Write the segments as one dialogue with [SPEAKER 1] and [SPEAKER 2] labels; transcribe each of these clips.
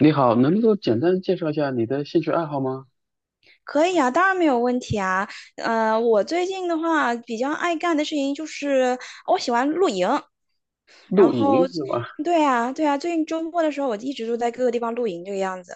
[SPEAKER 1] 你好，能够简单介绍一下你的兴趣爱好吗？
[SPEAKER 2] 可以啊，当然没有问题啊。我最近的话比较爱干的事情就是我喜欢露营，
[SPEAKER 1] 露
[SPEAKER 2] 然后，
[SPEAKER 1] 营是吧？
[SPEAKER 2] 对啊，对啊，最近周末的时候我一直都在各个地方露营这个样子。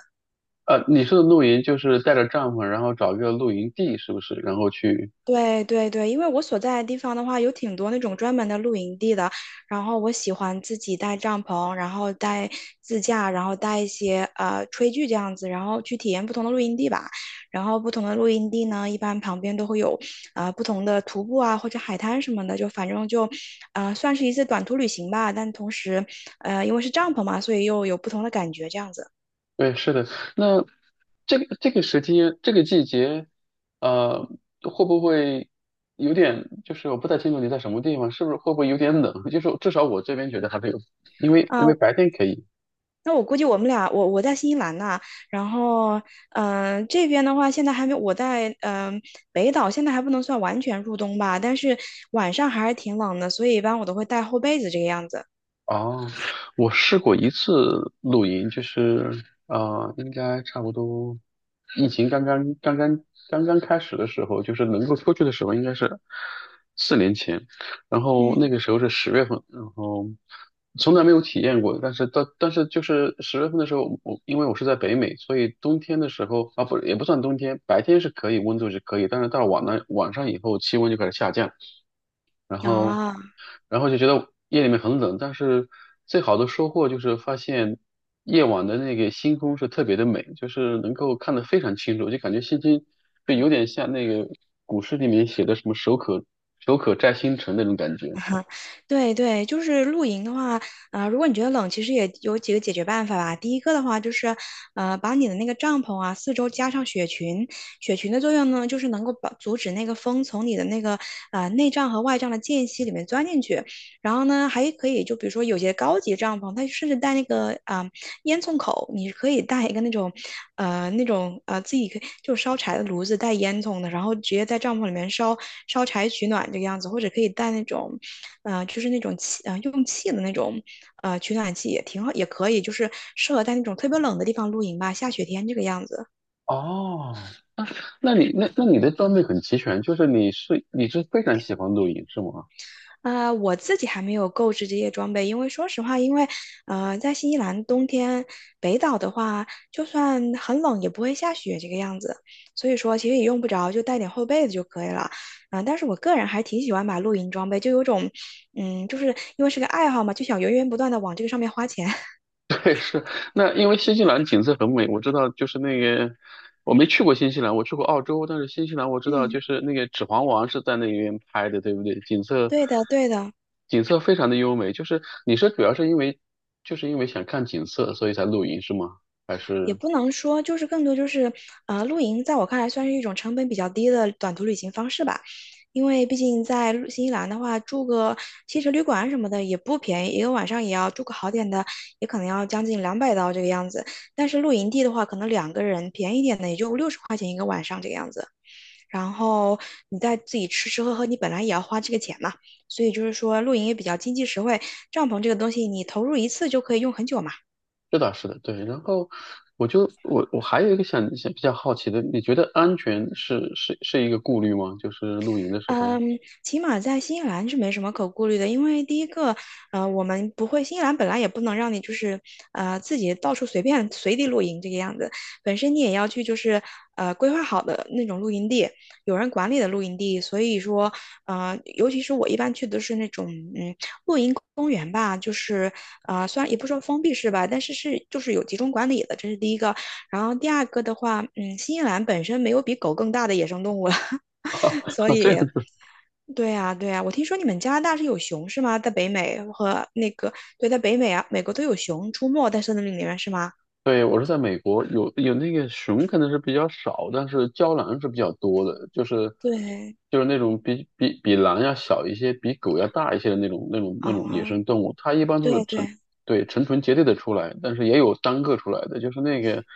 [SPEAKER 1] 你说的露营就是带着帐篷，然后找一个露营地，是不是？然后去，
[SPEAKER 2] 对对对，因为我所在的地方的话，有挺多那种专门的露营地的。然后我喜欢自己带帐篷，然后带自驾，然后带一些炊具这样子，然后去体验不同的露营地吧。然后不同的露营地呢，一般旁边都会有不同的徒步啊或者海滩什么的，就反正就算是一次短途旅行吧。但同时因为是帐篷嘛，所以又有不同的感觉这样子。
[SPEAKER 1] 对，是的。那这个时期，这个季节，呃，会不会有点？就是我不太清楚你在什么地方，是不是会不会有点冷？就是至少我这边觉得还没有，因为
[SPEAKER 2] 啊。
[SPEAKER 1] 白天可以。
[SPEAKER 2] 那我估计我们俩，我在新西兰呐，然后这边的话现在还没，我在北岛现在还不能算完全入冬吧，但是晚上还是挺冷的，所以一般我都会带厚被子这个样子。
[SPEAKER 1] 哦，我试过一次露营，就是应该差不多疫情刚刚开始的时候，就是能够出去的时候，应该是4年前。然后那
[SPEAKER 2] 嗯，
[SPEAKER 1] 个时候是十月份，然后从来没有体验过。但是就是十月份的时候，我因为我是在北美，所以冬天的时候啊，不也不算冬天，白天是可以温度是可以，但是到了晚上以后，气温就开始下降。然后，
[SPEAKER 2] 啊。
[SPEAKER 1] 然后就觉得夜里面很冷，但是最好的收获就是发现夜晚的那个星空是特别的美，就是能够看得非常清楚，就感觉星星就有点像那个古诗里面写的什么"手可摘星辰"那种感觉。
[SPEAKER 2] 对对，就是露营的话，如果你觉得冷，其实也有几个解决办法吧。第一个的话就是，把你的那个帐篷啊，四周加上雪裙。雪裙的作用呢，就是能够把阻止那个风从你的那个内帐和外帐的间隙里面钻进去。然后呢，还可以就比如说有些高级帐篷，它甚至带那个烟囱口，你可以带一个那种自己可以就烧柴的炉子带烟囱的，然后直接在帐篷里面烧柴取暖这个样子，或者可以带那种。就是那种气用气的那种取暖器也挺好，也可以，就是适合在那种特别冷的地方露营吧，下雪天这个样子。
[SPEAKER 1] 哦，那你的装备很齐全，就是你是非常喜欢露营是吗？
[SPEAKER 2] 我自己还没有购置这些装备，因为说实话，因为在新西兰冬天北岛的话，就算很冷也不会下雪这个样子，所以说其实也用不着，就带点厚被子就可以了。但是我个人还挺喜欢买露营装备，就有种，就是因为是个爱好嘛，就想源源不断的往这个上面花钱。
[SPEAKER 1] 对，是。那因为新西兰景色很美，我知道就是那个我没去过新西兰，我去过澳洲，但是新西兰我知道
[SPEAKER 2] 嗯，
[SPEAKER 1] 就是那个《指环王》是在那边拍的，对不对？景色
[SPEAKER 2] 对的，对的。
[SPEAKER 1] 景色非常的优美，就是你是主要是因为就是因为想看景色，所以才露营是吗？还
[SPEAKER 2] 也
[SPEAKER 1] 是
[SPEAKER 2] 不能说，就是更多就是，露营在我看来算是一种成本比较低的短途旅行方式吧，因为毕竟在新西兰的话，住个汽车旅馆什么的也不便宜，一个晚上也要住个好点的，也可能要将近200刀这个样子。但是露营地的话，可能两个人便宜一点的也就60块钱一个晚上这个样子，然后你再自己吃吃喝喝，你本来也要花这个钱嘛，所以就是说露营也比较经济实惠，帐篷这个东西你投入一次就可以用很久嘛。
[SPEAKER 1] 这倒是的，对。然后我就我我还有一个想想比较好奇的，你觉得安全是一个顾虑吗？就是露营的时候，
[SPEAKER 2] 嗯，起码在新西兰是没什么可顾虑的，因为第一个，我们不会，新西兰本来也不能让你就是自己到处随便随地露营这个样子，本身你也要去就是规划好的那种露营地，有人管理的露营地，所以说尤其是我一般去的是那种嗯公园吧，就是虽然也不说封闭式吧，但是是就是有集中管理的，这是第一个，然后第二个的话，新西兰本身没有比狗更大的野生动物了。所
[SPEAKER 1] 这
[SPEAKER 2] 以，对呀，对呀，我听说你们加拿大是有熊是吗？在北美和那个，对，在北美啊，美国都有熊出没在森林里面是吗？
[SPEAKER 1] 对，我是在美国，有那个熊可能是比较少，但是郊狼是比较多的，就是
[SPEAKER 2] 对，
[SPEAKER 1] 就是那种比狼要小一些，比狗要大一些的那种野
[SPEAKER 2] 啊，
[SPEAKER 1] 生动物，它一般都是
[SPEAKER 2] 对
[SPEAKER 1] 成
[SPEAKER 2] 对，
[SPEAKER 1] 对成群结队的出来，但是也有单个出来的，就是那个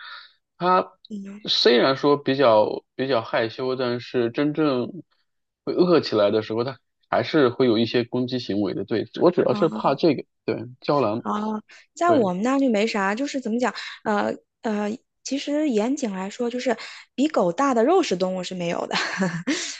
[SPEAKER 1] 它
[SPEAKER 2] 嗯，
[SPEAKER 1] 虽然说比较害羞，但是真正会饿起来的时候，它还是会有一些攻击行为的。对，我主要是怕
[SPEAKER 2] 啊
[SPEAKER 1] 这个，对，郊狼，
[SPEAKER 2] 啊，在
[SPEAKER 1] 对。
[SPEAKER 2] 我们那就没啥，就是怎么讲，呃呃，其实严谨来说，就是比狗大的肉食动物是没有的。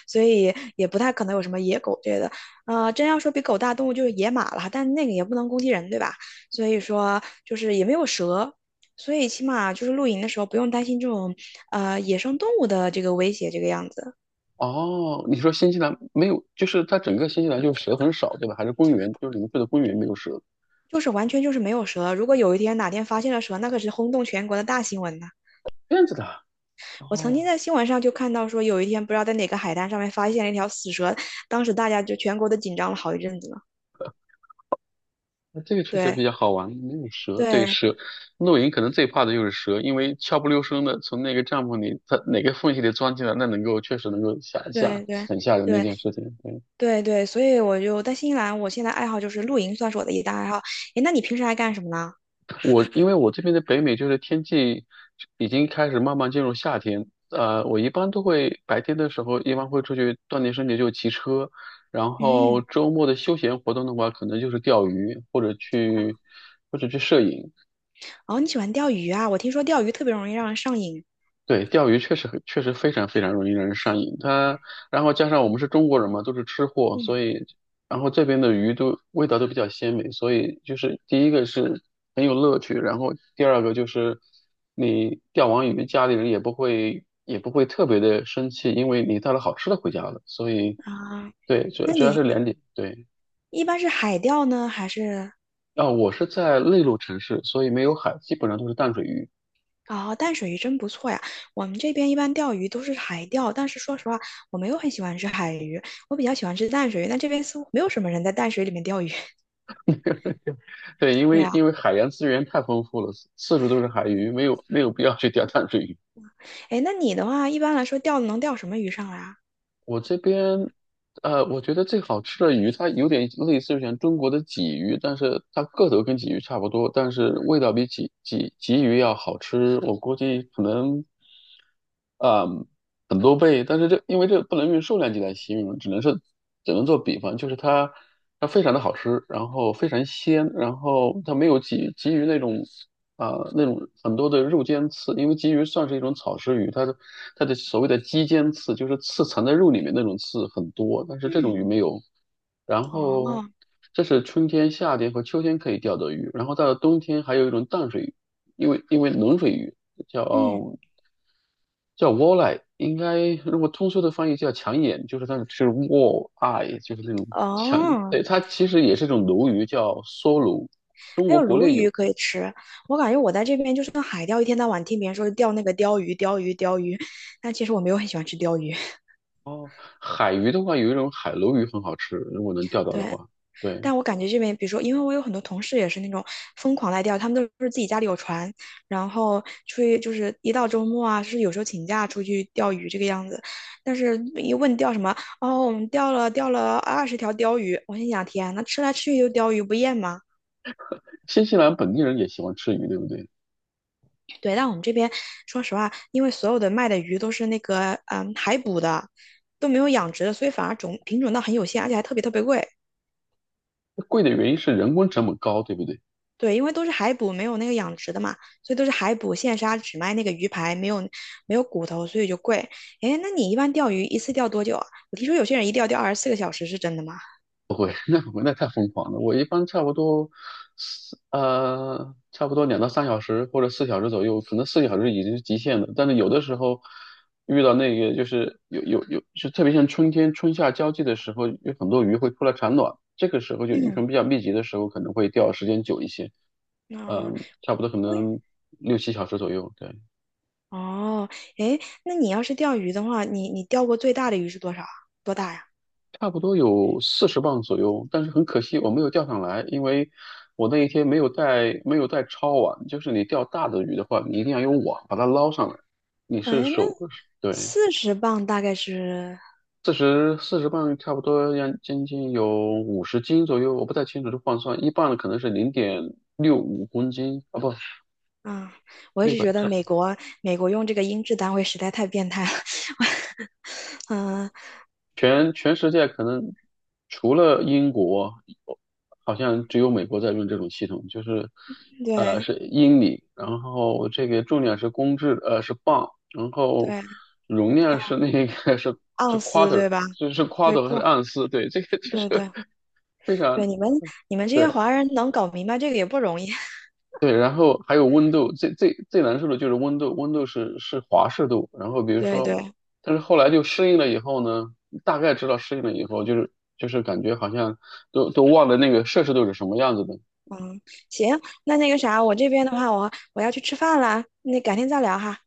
[SPEAKER 2] 所以也不太可能有什么野狗之类的。真要说比狗大动物就是野马了，但那个也不能攻击人，对吧？所以说就是也没有蛇，所以起码就是露营的时候不用担心这种野生动物的这个威胁这个样子。
[SPEAKER 1] 哦，你说新西兰没有，就是它整个新西兰就是蛇很少，对吧？还是公园，就是零碎的公园没有蛇，
[SPEAKER 2] 就是完全就是没有蛇。如果有一天哪天发现了蛇，那可是轰动全国的大新闻呢。
[SPEAKER 1] 这样子的啊。
[SPEAKER 2] 我曾
[SPEAKER 1] 哦，
[SPEAKER 2] 经在新闻上就看到说，有一天不知道在哪个海滩上面发现了一条死蛇，当时大家就全国都紧张了好一阵子呢。
[SPEAKER 1] 那这个确实比
[SPEAKER 2] 对
[SPEAKER 1] 较好玩，没有蛇。对，
[SPEAKER 2] 对
[SPEAKER 1] 蛇，露营可能最怕的就是蛇，因为悄不溜声的从那个帐篷里，它哪个缝隙里钻进来，那能够确实能够吓一吓
[SPEAKER 2] 对对
[SPEAKER 1] 很吓人的一
[SPEAKER 2] 对，
[SPEAKER 1] 件事情。对。
[SPEAKER 2] 对对，所以我就在新西兰，我现在爱好就是露营，算是我的一大爱好。诶，那你平时爱干什么呢？
[SPEAKER 1] 我因为我这边的北美就是天气已经开始慢慢进入夏天，我一般都会白天的时候一般会出去锻炼身体，就骑车，然后
[SPEAKER 2] 嗯，
[SPEAKER 1] 周末的休闲活动的话，可能就是钓鱼或者去摄影。
[SPEAKER 2] 哦，你喜欢钓鱼啊？我听说钓鱼特别容易让人上瘾。
[SPEAKER 1] 对，钓鱼确实非常非常容易让人上瘾。它，然后加上我们是中国人嘛，都是吃货，
[SPEAKER 2] 嗯
[SPEAKER 1] 所以，然后这边的鱼都味道都比较鲜美，所以就是第一个是很有乐趣，然后第二个就是你钓完鱼，家里人也不会特别的生气，因为你带了好吃的回家了。所以，
[SPEAKER 2] 啊，
[SPEAKER 1] 对，主
[SPEAKER 2] 那
[SPEAKER 1] 主要是
[SPEAKER 2] 你
[SPEAKER 1] 两点，对。
[SPEAKER 2] 一般是海钓呢，还是
[SPEAKER 1] 啊，我是在内陆城市，所以没有海，基本上都是淡水鱼。
[SPEAKER 2] 哦，淡水鱼真不错呀。我们这边一般钓鱼都是海钓，但是说实话，我没有很喜欢吃海鱼，我比较喜欢吃淡水鱼。但这边似乎没有什么人在淡水里面钓鱼。
[SPEAKER 1] 对，因
[SPEAKER 2] 对
[SPEAKER 1] 为
[SPEAKER 2] 啊，
[SPEAKER 1] 因为海洋资源太丰富了，四处都是海鱼，没有必要去钓淡水鱼。
[SPEAKER 2] 诶，那你的话，一般来说钓能钓什么鱼上来啊？
[SPEAKER 1] 我这边，我觉得最好吃的鱼，它有点类似于像中国的鲫鱼，但是它个头跟鲫鱼差不多，但是味道比鲫鱼要好吃。我估计可能啊、很多倍，但是因为这不能用数量级来形容，只能做比方，就是它非常的好吃，然后非常鲜，然后它没有鲫鱼那种啊、那种很多的肉尖刺，因为鲫鱼算是一种草食鱼，它的所谓的肌尖刺就是刺藏在肉里面那种刺很多，但是这种
[SPEAKER 2] 嗯，
[SPEAKER 1] 鱼没有。然
[SPEAKER 2] 哦，
[SPEAKER 1] 后这是春天、夏天和秋天可以钓的鱼，然后到了冬天还有一种淡水鱼，因为冷水鱼
[SPEAKER 2] 嗯，
[SPEAKER 1] 叫。叫 wall eye，应该如果通俗的翻译叫抢眼，就是它是 wall eye，就是那种抢。
[SPEAKER 2] 哦。
[SPEAKER 1] 对，它其实也是一种鲈鱼，叫梭鲈，中
[SPEAKER 2] 还
[SPEAKER 1] 国
[SPEAKER 2] 有
[SPEAKER 1] 国
[SPEAKER 2] 鲈
[SPEAKER 1] 内
[SPEAKER 2] 鱼
[SPEAKER 1] 有。
[SPEAKER 2] 可以吃。我感觉我在这边就是像海钓，一天到晚听别人说钓那个鲷鱼、鲷鱼、鲷鱼，但其实我没有很喜欢吃鲷鱼。
[SPEAKER 1] 哦，海鱼的话有一种海鲈鱼很好吃，如果能钓到的
[SPEAKER 2] 对，
[SPEAKER 1] 话。对，
[SPEAKER 2] 但我感觉这边，比如说，因为我有很多同事也是那种疯狂在钓，他们都是自己家里有船，然后出去就是一到周末啊，是有时候请假出去钓鱼这个样子。但是一问钓什么，哦，我们钓了20条鲷鱼，我心想，天呐，那吃来吃去就鲷鱼，不厌吗？
[SPEAKER 1] 新西兰本地人也喜欢吃鱼，对不对？
[SPEAKER 2] 对，但我们这边说实话，因为所有的卖的鱼都是那个海捕的，都没有养殖的，所以反而品种倒很有限，而且还特别特别贵。
[SPEAKER 1] 贵的原因是人工成本高，对不对？
[SPEAKER 2] 对，因为都是海捕，没有那个养殖的嘛，所以都是海捕现杀，只卖那个鱼排，没有骨头，所以就贵。哎，那你一般钓鱼一次钓多久啊？我听说有些人一钓钓24个小时，是真的吗？
[SPEAKER 1] 那我那太疯狂了，我一般差不多差不多2到3小时或者四小时左右，可能四小时已经是极限了。但是有的时候遇到那个就是有，就特别像春天春夏交际的时候，有很多鱼会出来产卵，这个时候就鱼
[SPEAKER 2] 嗯，
[SPEAKER 1] 群比较密集的时候，可能会钓时间久一些，
[SPEAKER 2] 那、
[SPEAKER 1] 差不多可
[SPEAKER 2] 我也
[SPEAKER 1] 能6、7小时左右，对。
[SPEAKER 2] 哦，哎，那你要是钓鱼的话，你钓过最大的鱼是多少啊？多大呀？
[SPEAKER 1] 差不多有四十磅左右，但是很可惜我没有钓上来，因为我那一天没有带抄网，就是你钓大的鱼的话，你一定要用网把它捞上来。你是
[SPEAKER 2] 哎，那
[SPEAKER 1] 手，对，
[SPEAKER 2] 40磅大概是。
[SPEAKER 1] 四十磅差不多要将近有50斤左右，我不太清楚这换算，1磅可能是0.65公斤啊，不，
[SPEAKER 2] 啊，我一
[SPEAKER 1] 六
[SPEAKER 2] 直
[SPEAKER 1] 百
[SPEAKER 2] 觉得美国用这个音质单位实在太变态了。嗯，
[SPEAKER 1] 全世界可能除了英国，好像只有美国在用这种系统，就是
[SPEAKER 2] 对
[SPEAKER 1] 是英里，然后这个重量是公制，是磅，然
[SPEAKER 2] 对，
[SPEAKER 1] 后容
[SPEAKER 2] 还
[SPEAKER 1] 量
[SPEAKER 2] 有
[SPEAKER 1] 是那个 是是
[SPEAKER 2] 盎司
[SPEAKER 1] quarter，
[SPEAKER 2] 对吧？
[SPEAKER 1] 就是
[SPEAKER 2] 对，
[SPEAKER 1] quarter 和盎司，对，这个就
[SPEAKER 2] 对
[SPEAKER 1] 是
[SPEAKER 2] 对
[SPEAKER 1] 非
[SPEAKER 2] 对，
[SPEAKER 1] 常
[SPEAKER 2] 你们这些
[SPEAKER 1] 对。
[SPEAKER 2] 华人能搞明白这个也不容易。
[SPEAKER 1] 对，然后还有温度，最难受的就是温度，是华氏度。然后比如
[SPEAKER 2] 对
[SPEAKER 1] 说，
[SPEAKER 2] 对，
[SPEAKER 1] 但是后来就适应了以后呢，大概知道适应了以后，就是感觉好像都忘了那个摄氏度是什么样子的。
[SPEAKER 2] 行，那个啥，我这边的话，我要去吃饭啦，那改天再聊哈。